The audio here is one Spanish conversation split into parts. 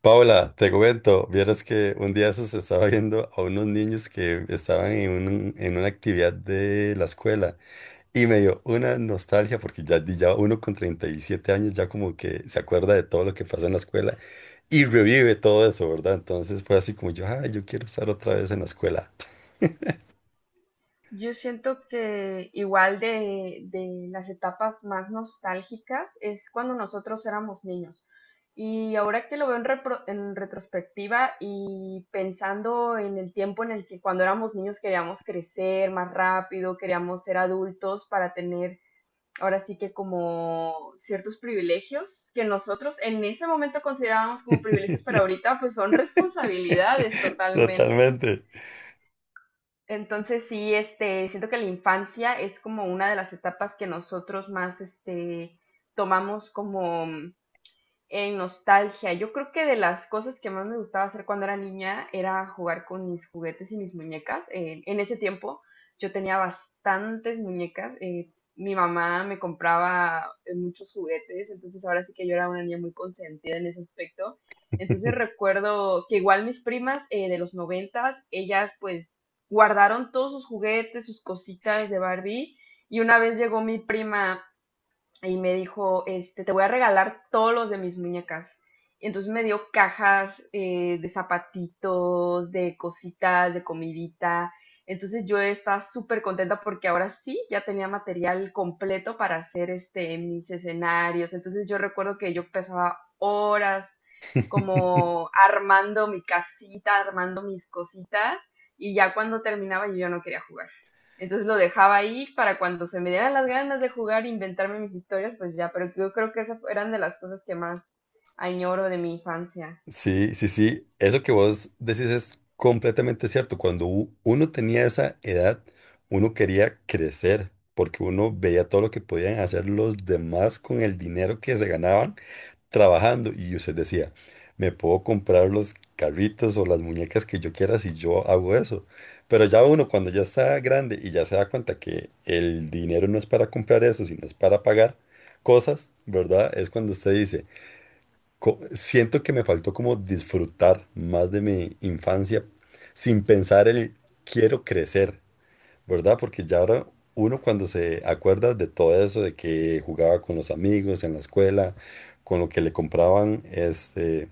Paula, te comento, vieras que un día eso se estaba viendo a unos niños que estaban en una actividad de la escuela y me dio una nostalgia porque ya uno con 37 años ya como que se acuerda de todo lo que pasó en la escuela y revive todo eso, ¿verdad? Entonces fue así como yo, ay, yo quiero estar otra vez en la escuela. Yo siento que igual de las etapas más nostálgicas es cuando nosotros éramos niños. Y ahora que lo veo en retrospectiva y pensando en el tiempo en el que cuando éramos niños queríamos crecer más rápido, queríamos ser adultos para tener ahora sí que como ciertos privilegios que nosotros en ese momento considerábamos como privilegios para ahorita, pues son responsabilidades totalmente. Totalmente. Entonces sí, siento que la infancia es como una de las etapas que nosotros más, tomamos como, en nostalgia. Yo creo que de las cosas que más me gustaba hacer cuando era niña era jugar con mis juguetes y mis muñecas. En ese tiempo yo tenía bastantes muñecas. Mi mamá me compraba muchos juguetes, entonces ahora sí que yo era una niña muy consentida en ese aspecto. Entonces recuerdo que igual mis primas de los noventas, ellas pues guardaron todos sus juguetes, sus cositas de Barbie. Y una vez llegó mi prima y me dijo, te voy a regalar todos los de mis muñecas. Y entonces me dio cajas de zapatitos, de cositas, de comidita. Entonces yo estaba súper contenta porque ahora sí ya tenía material completo para hacer mis escenarios. Entonces yo recuerdo que yo pasaba horas como armando mi casita, armando mis cositas. Y ya cuando terminaba yo no quería jugar. Entonces lo dejaba ahí para cuando se me dieran las ganas de jugar, inventarme mis historias, pues ya, pero yo creo que esas eran de las cosas que más añoro de mi infancia. Sí, sí, sí. Eso que vos decís es completamente cierto. Cuando uno tenía esa edad, uno quería crecer porque uno veía todo lo que podían hacer los demás con el dinero que se ganaban trabajando. Y usted decía, me puedo comprar los carritos o las muñecas que yo quiera si yo hago eso. Pero ya uno cuando ya está grande y ya se da cuenta que el dinero no es para comprar eso, sino es para pagar cosas, ¿verdad? Es cuando usted dice siento que me faltó como disfrutar más de mi infancia sin pensar el quiero crecer, ¿verdad? Porque ya ahora uno cuando se acuerda de todo eso, de que jugaba con los amigos en la escuela, con lo que le compraban, este,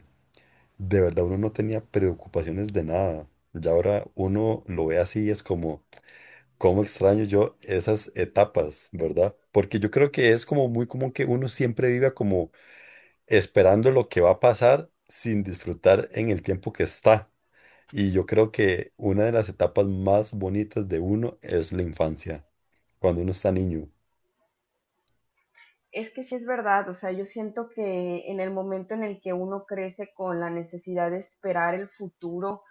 de verdad uno no tenía preocupaciones de nada. Ya ahora uno lo ve así, es como, cómo extraño yo esas etapas, ¿verdad? Porque yo creo que es como muy común que uno siempre viva como esperando lo que va a pasar sin disfrutar en el tiempo que está. Y yo creo que una de las etapas más bonitas de uno es la infancia, cuando uno está niño. Es que sí es verdad, o sea, yo siento que en el momento en el que uno crece con la necesidad de esperar el futuro,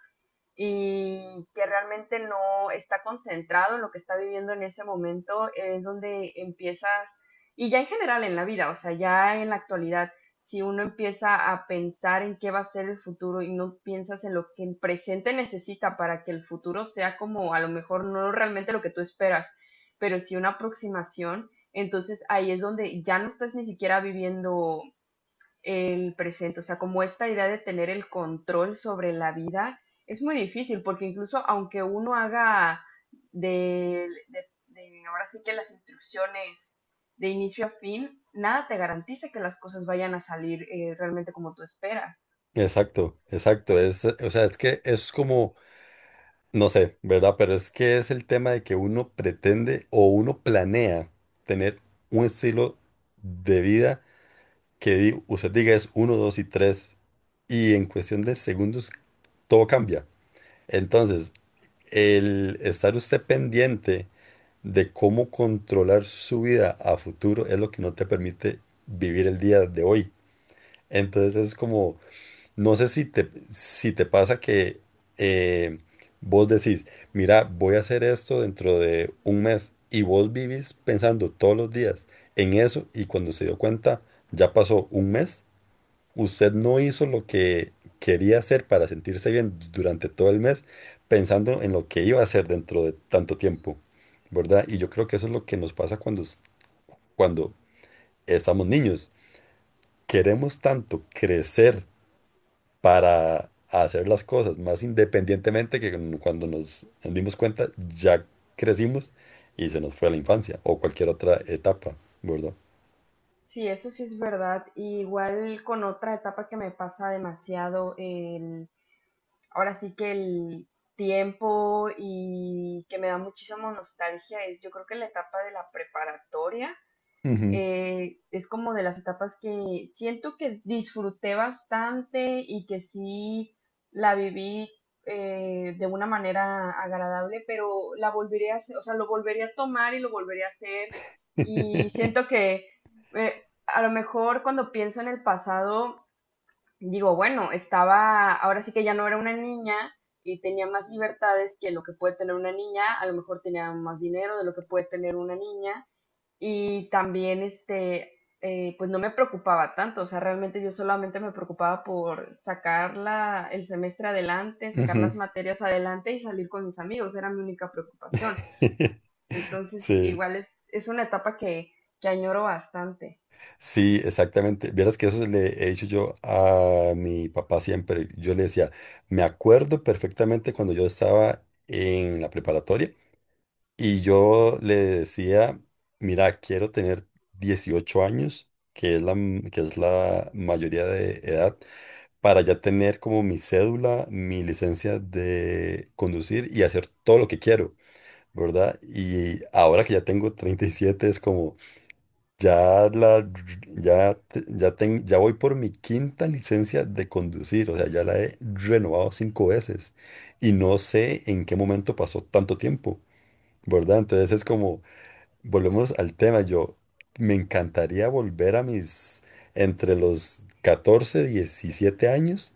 y que realmente no está concentrado en lo que está viviendo en ese momento, es donde empieza, y ya en general en la vida, o sea, ya en la actualidad, si uno empieza a pensar en qué va a ser el futuro y no piensas en lo que el presente necesita para que el futuro sea como a lo mejor no realmente lo que tú esperas, pero sí una aproximación, entonces ahí es donde ya no estás ni siquiera viviendo el presente, o sea, como esta idea de tener el control sobre la vida es muy difícil, porque incluso aunque uno haga ahora sí que las instrucciones de inicio a fin, nada te garantiza que las cosas vayan a salir realmente como tú esperas. Exacto, exacto. O sea, es que es como, no sé, ¿verdad? Pero es que es el tema de que uno pretende o uno planea tener un estilo de vida que usted diga es uno, dos y tres. Y en cuestión de segundos todo cambia. Entonces, el estar usted pendiente de cómo controlar su vida a futuro es lo que no te permite vivir el día de hoy. Entonces es como, no sé si te pasa que eh, vos decís, mira, voy a hacer esto dentro de un mes y vos vivís pensando todos los días en eso y cuando se dio cuenta ya pasó un mes. Usted no hizo lo que quería hacer para sentirse bien durante todo el mes, pensando en lo que iba a hacer dentro de tanto tiempo, ¿verdad? Y yo creo que eso es lo que nos pasa cuando estamos niños. Queremos tanto crecer para hacer las cosas más independientemente que cuando nos dimos cuenta ya crecimos y se nos fue la infancia o cualquier otra etapa, ¿verdad? Sí, eso sí es verdad. Y igual con otra etapa que me pasa demasiado, el, ahora sí que el tiempo y que me da muchísima nostalgia es yo creo que la etapa de la preparatoria Ujú. Es como de las etapas que siento que disfruté bastante y que sí la viví de una manera agradable, pero la volvería a hacer, o sea, lo volvería a tomar y lo volvería a hacer. Y siento que a lo mejor cuando pienso en el pasado, digo, bueno, estaba, ahora sí que ya no era una niña y tenía más libertades que lo que puede tener una niña, a lo mejor tenía más dinero de lo que puede tener una niña y también, pues no me preocupaba tanto, o sea, realmente yo solamente me preocupaba por sacar el semestre adelante, sacar las Ujú. materias adelante y salir con mis amigos, era mi única preocupación. Entonces, Sí. igual es una etapa que añoro bastante. Sí, exactamente. Vieras que eso le he dicho yo a mi papá siempre. Yo le decía, me acuerdo perfectamente cuando yo estaba en la preparatoria y yo le decía, mira, quiero tener 18 años, que es que es la mayoría de edad, para ya tener como mi cédula, mi licencia de conducir y hacer todo lo que quiero, ¿verdad? Y ahora que ya tengo 37 es como... Ya la, ya, te- ya, ten- Ya voy por mi quinta licencia de conducir, o sea, ya la he renovado cinco veces y no sé en qué momento pasó tanto tiempo, ¿verdad? Entonces es como, volvemos al tema, yo me encantaría volver a mis, entre los 14 17 años,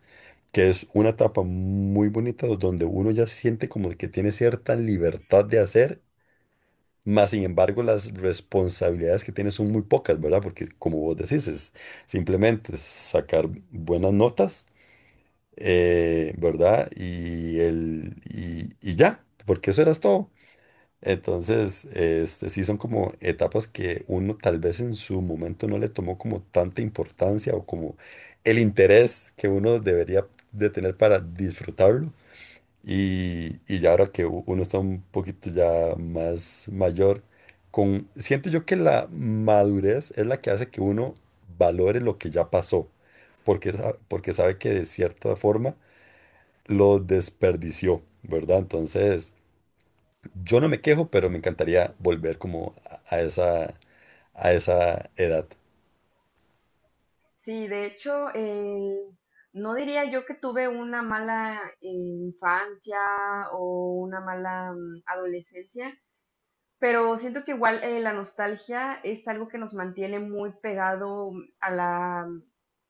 que es una etapa muy bonita donde uno ya siente como que tiene cierta libertad de hacer más. Sin embargo, las responsabilidades que tiene son muy pocas, ¿verdad? Porque como vos decís, es simplemente sacar buenas notas, ¿verdad? Y ya, porque eso eras todo. Entonces, este, sí son como etapas que uno tal vez en su momento no le tomó como tanta importancia o como el interés que uno debería de tener para disfrutarlo. Y ya ahora que uno está un poquito ya más mayor, con, siento yo que la madurez es la que hace que uno valore lo que ya pasó, porque sabe que de cierta forma lo desperdició, ¿verdad? Entonces, yo no me quejo, pero me encantaría volver como a esa edad. Sí, de hecho, no diría yo que tuve una mala infancia o una mala adolescencia. Pero siento que igual la nostalgia es algo que nos mantiene muy pegado a la,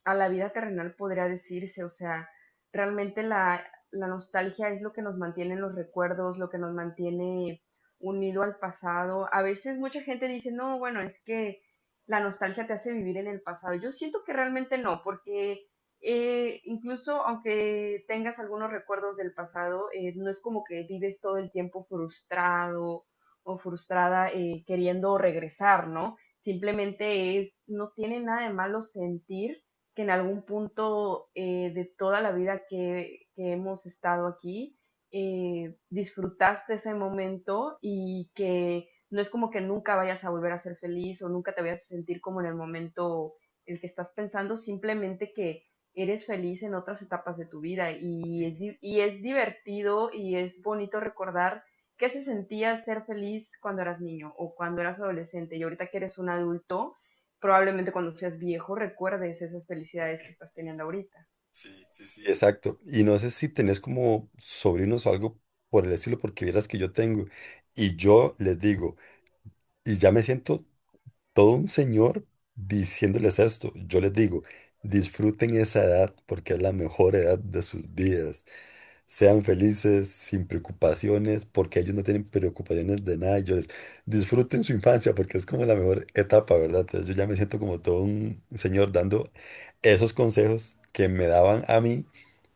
a la vida terrenal, podría decirse. O sea, realmente la nostalgia es lo que nos mantiene en los recuerdos, lo que nos mantiene unido al pasado. A veces mucha gente dice, no, bueno, es que la nostalgia te hace vivir en el pasado. Yo siento que realmente no, porque incluso aunque tengas algunos recuerdos del pasado, no es como que vives todo el tiempo frustrado o frustrada queriendo regresar, ¿no? Simplemente es, no tiene nada de malo sentir que en algún punto de toda la vida que hemos estado aquí, disfrutaste ese momento y que no es como que nunca vayas a volver a ser feliz o nunca te vayas a sentir como en el momento el que estás pensando, simplemente que eres feliz en otras etapas de tu vida y es divertido y es bonito recordar. ¿Qué se sentía ser feliz cuando eras niño o cuando eras adolescente? Y ahorita que eres un adulto, probablemente cuando seas viejo recuerdes esas felicidades que estás teniendo ahorita. Sí, sí, sí. Exacto. Y no sé si tenés como sobrinos o algo por el estilo, porque vieras que yo tengo. Y yo les digo, y ya me siento todo un señor diciéndoles esto. Yo les digo, disfruten esa edad porque es la mejor edad de sus vidas. Sean felices, sin preocupaciones, porque ellos no tienen preocupaciones de nada. Y yo les disfruten su infancia, porque es como la mejor etapa, ¿verdad? Entonces yo ya me siento como todo un señor dando esos consejos que me daban a mí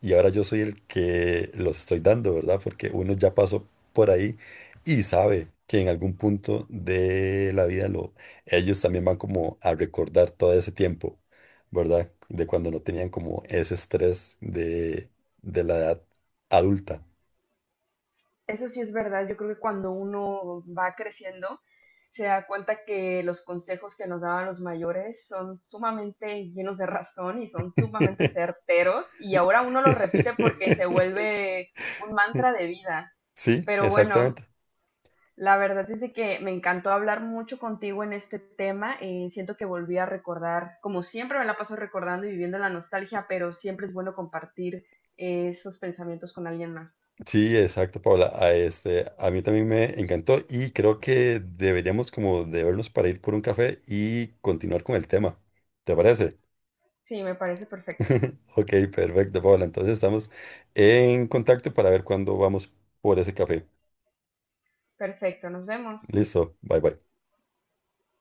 y ahora yo soy el que los estoy dando, ¿verdad? Porque uno ya pasó por ahí y sabe que en algún punto de la vida lo, ellos también van como a recordar todo ese tiempo, ¿verdad? De cuando no tenían como ese estrés de la edad adulta. Eso sí es verdad, yo creo que cuando uno va creciendo, se da cuenta que los consejos que nos daban los mayores son sumamente llenos de razón y son sumamente certeros y ahora uno los repite porque se vuelve un mantra de vida. Sí, Pero bueno, exactamente. la verdad es de que me encantó hablar mucho contigo en este tema. Siento que volví a recordar, como siempre me la paso recordando y viviendo la nostalgia, pero siempre es bueno compartir esos pensamientos con alguien más. Sí, exacto, Paula. A mí también me encantó y creo que deberíamos como de vernos para ir por un café y continuar con el tema. ¿Te parece? Sí, me parece perfecto. Ok, perfecto, Paula. Entonces estamos en contacto para ver cuándo vamos por ese café. Perfecto, nos vemos. Listo, bye bye.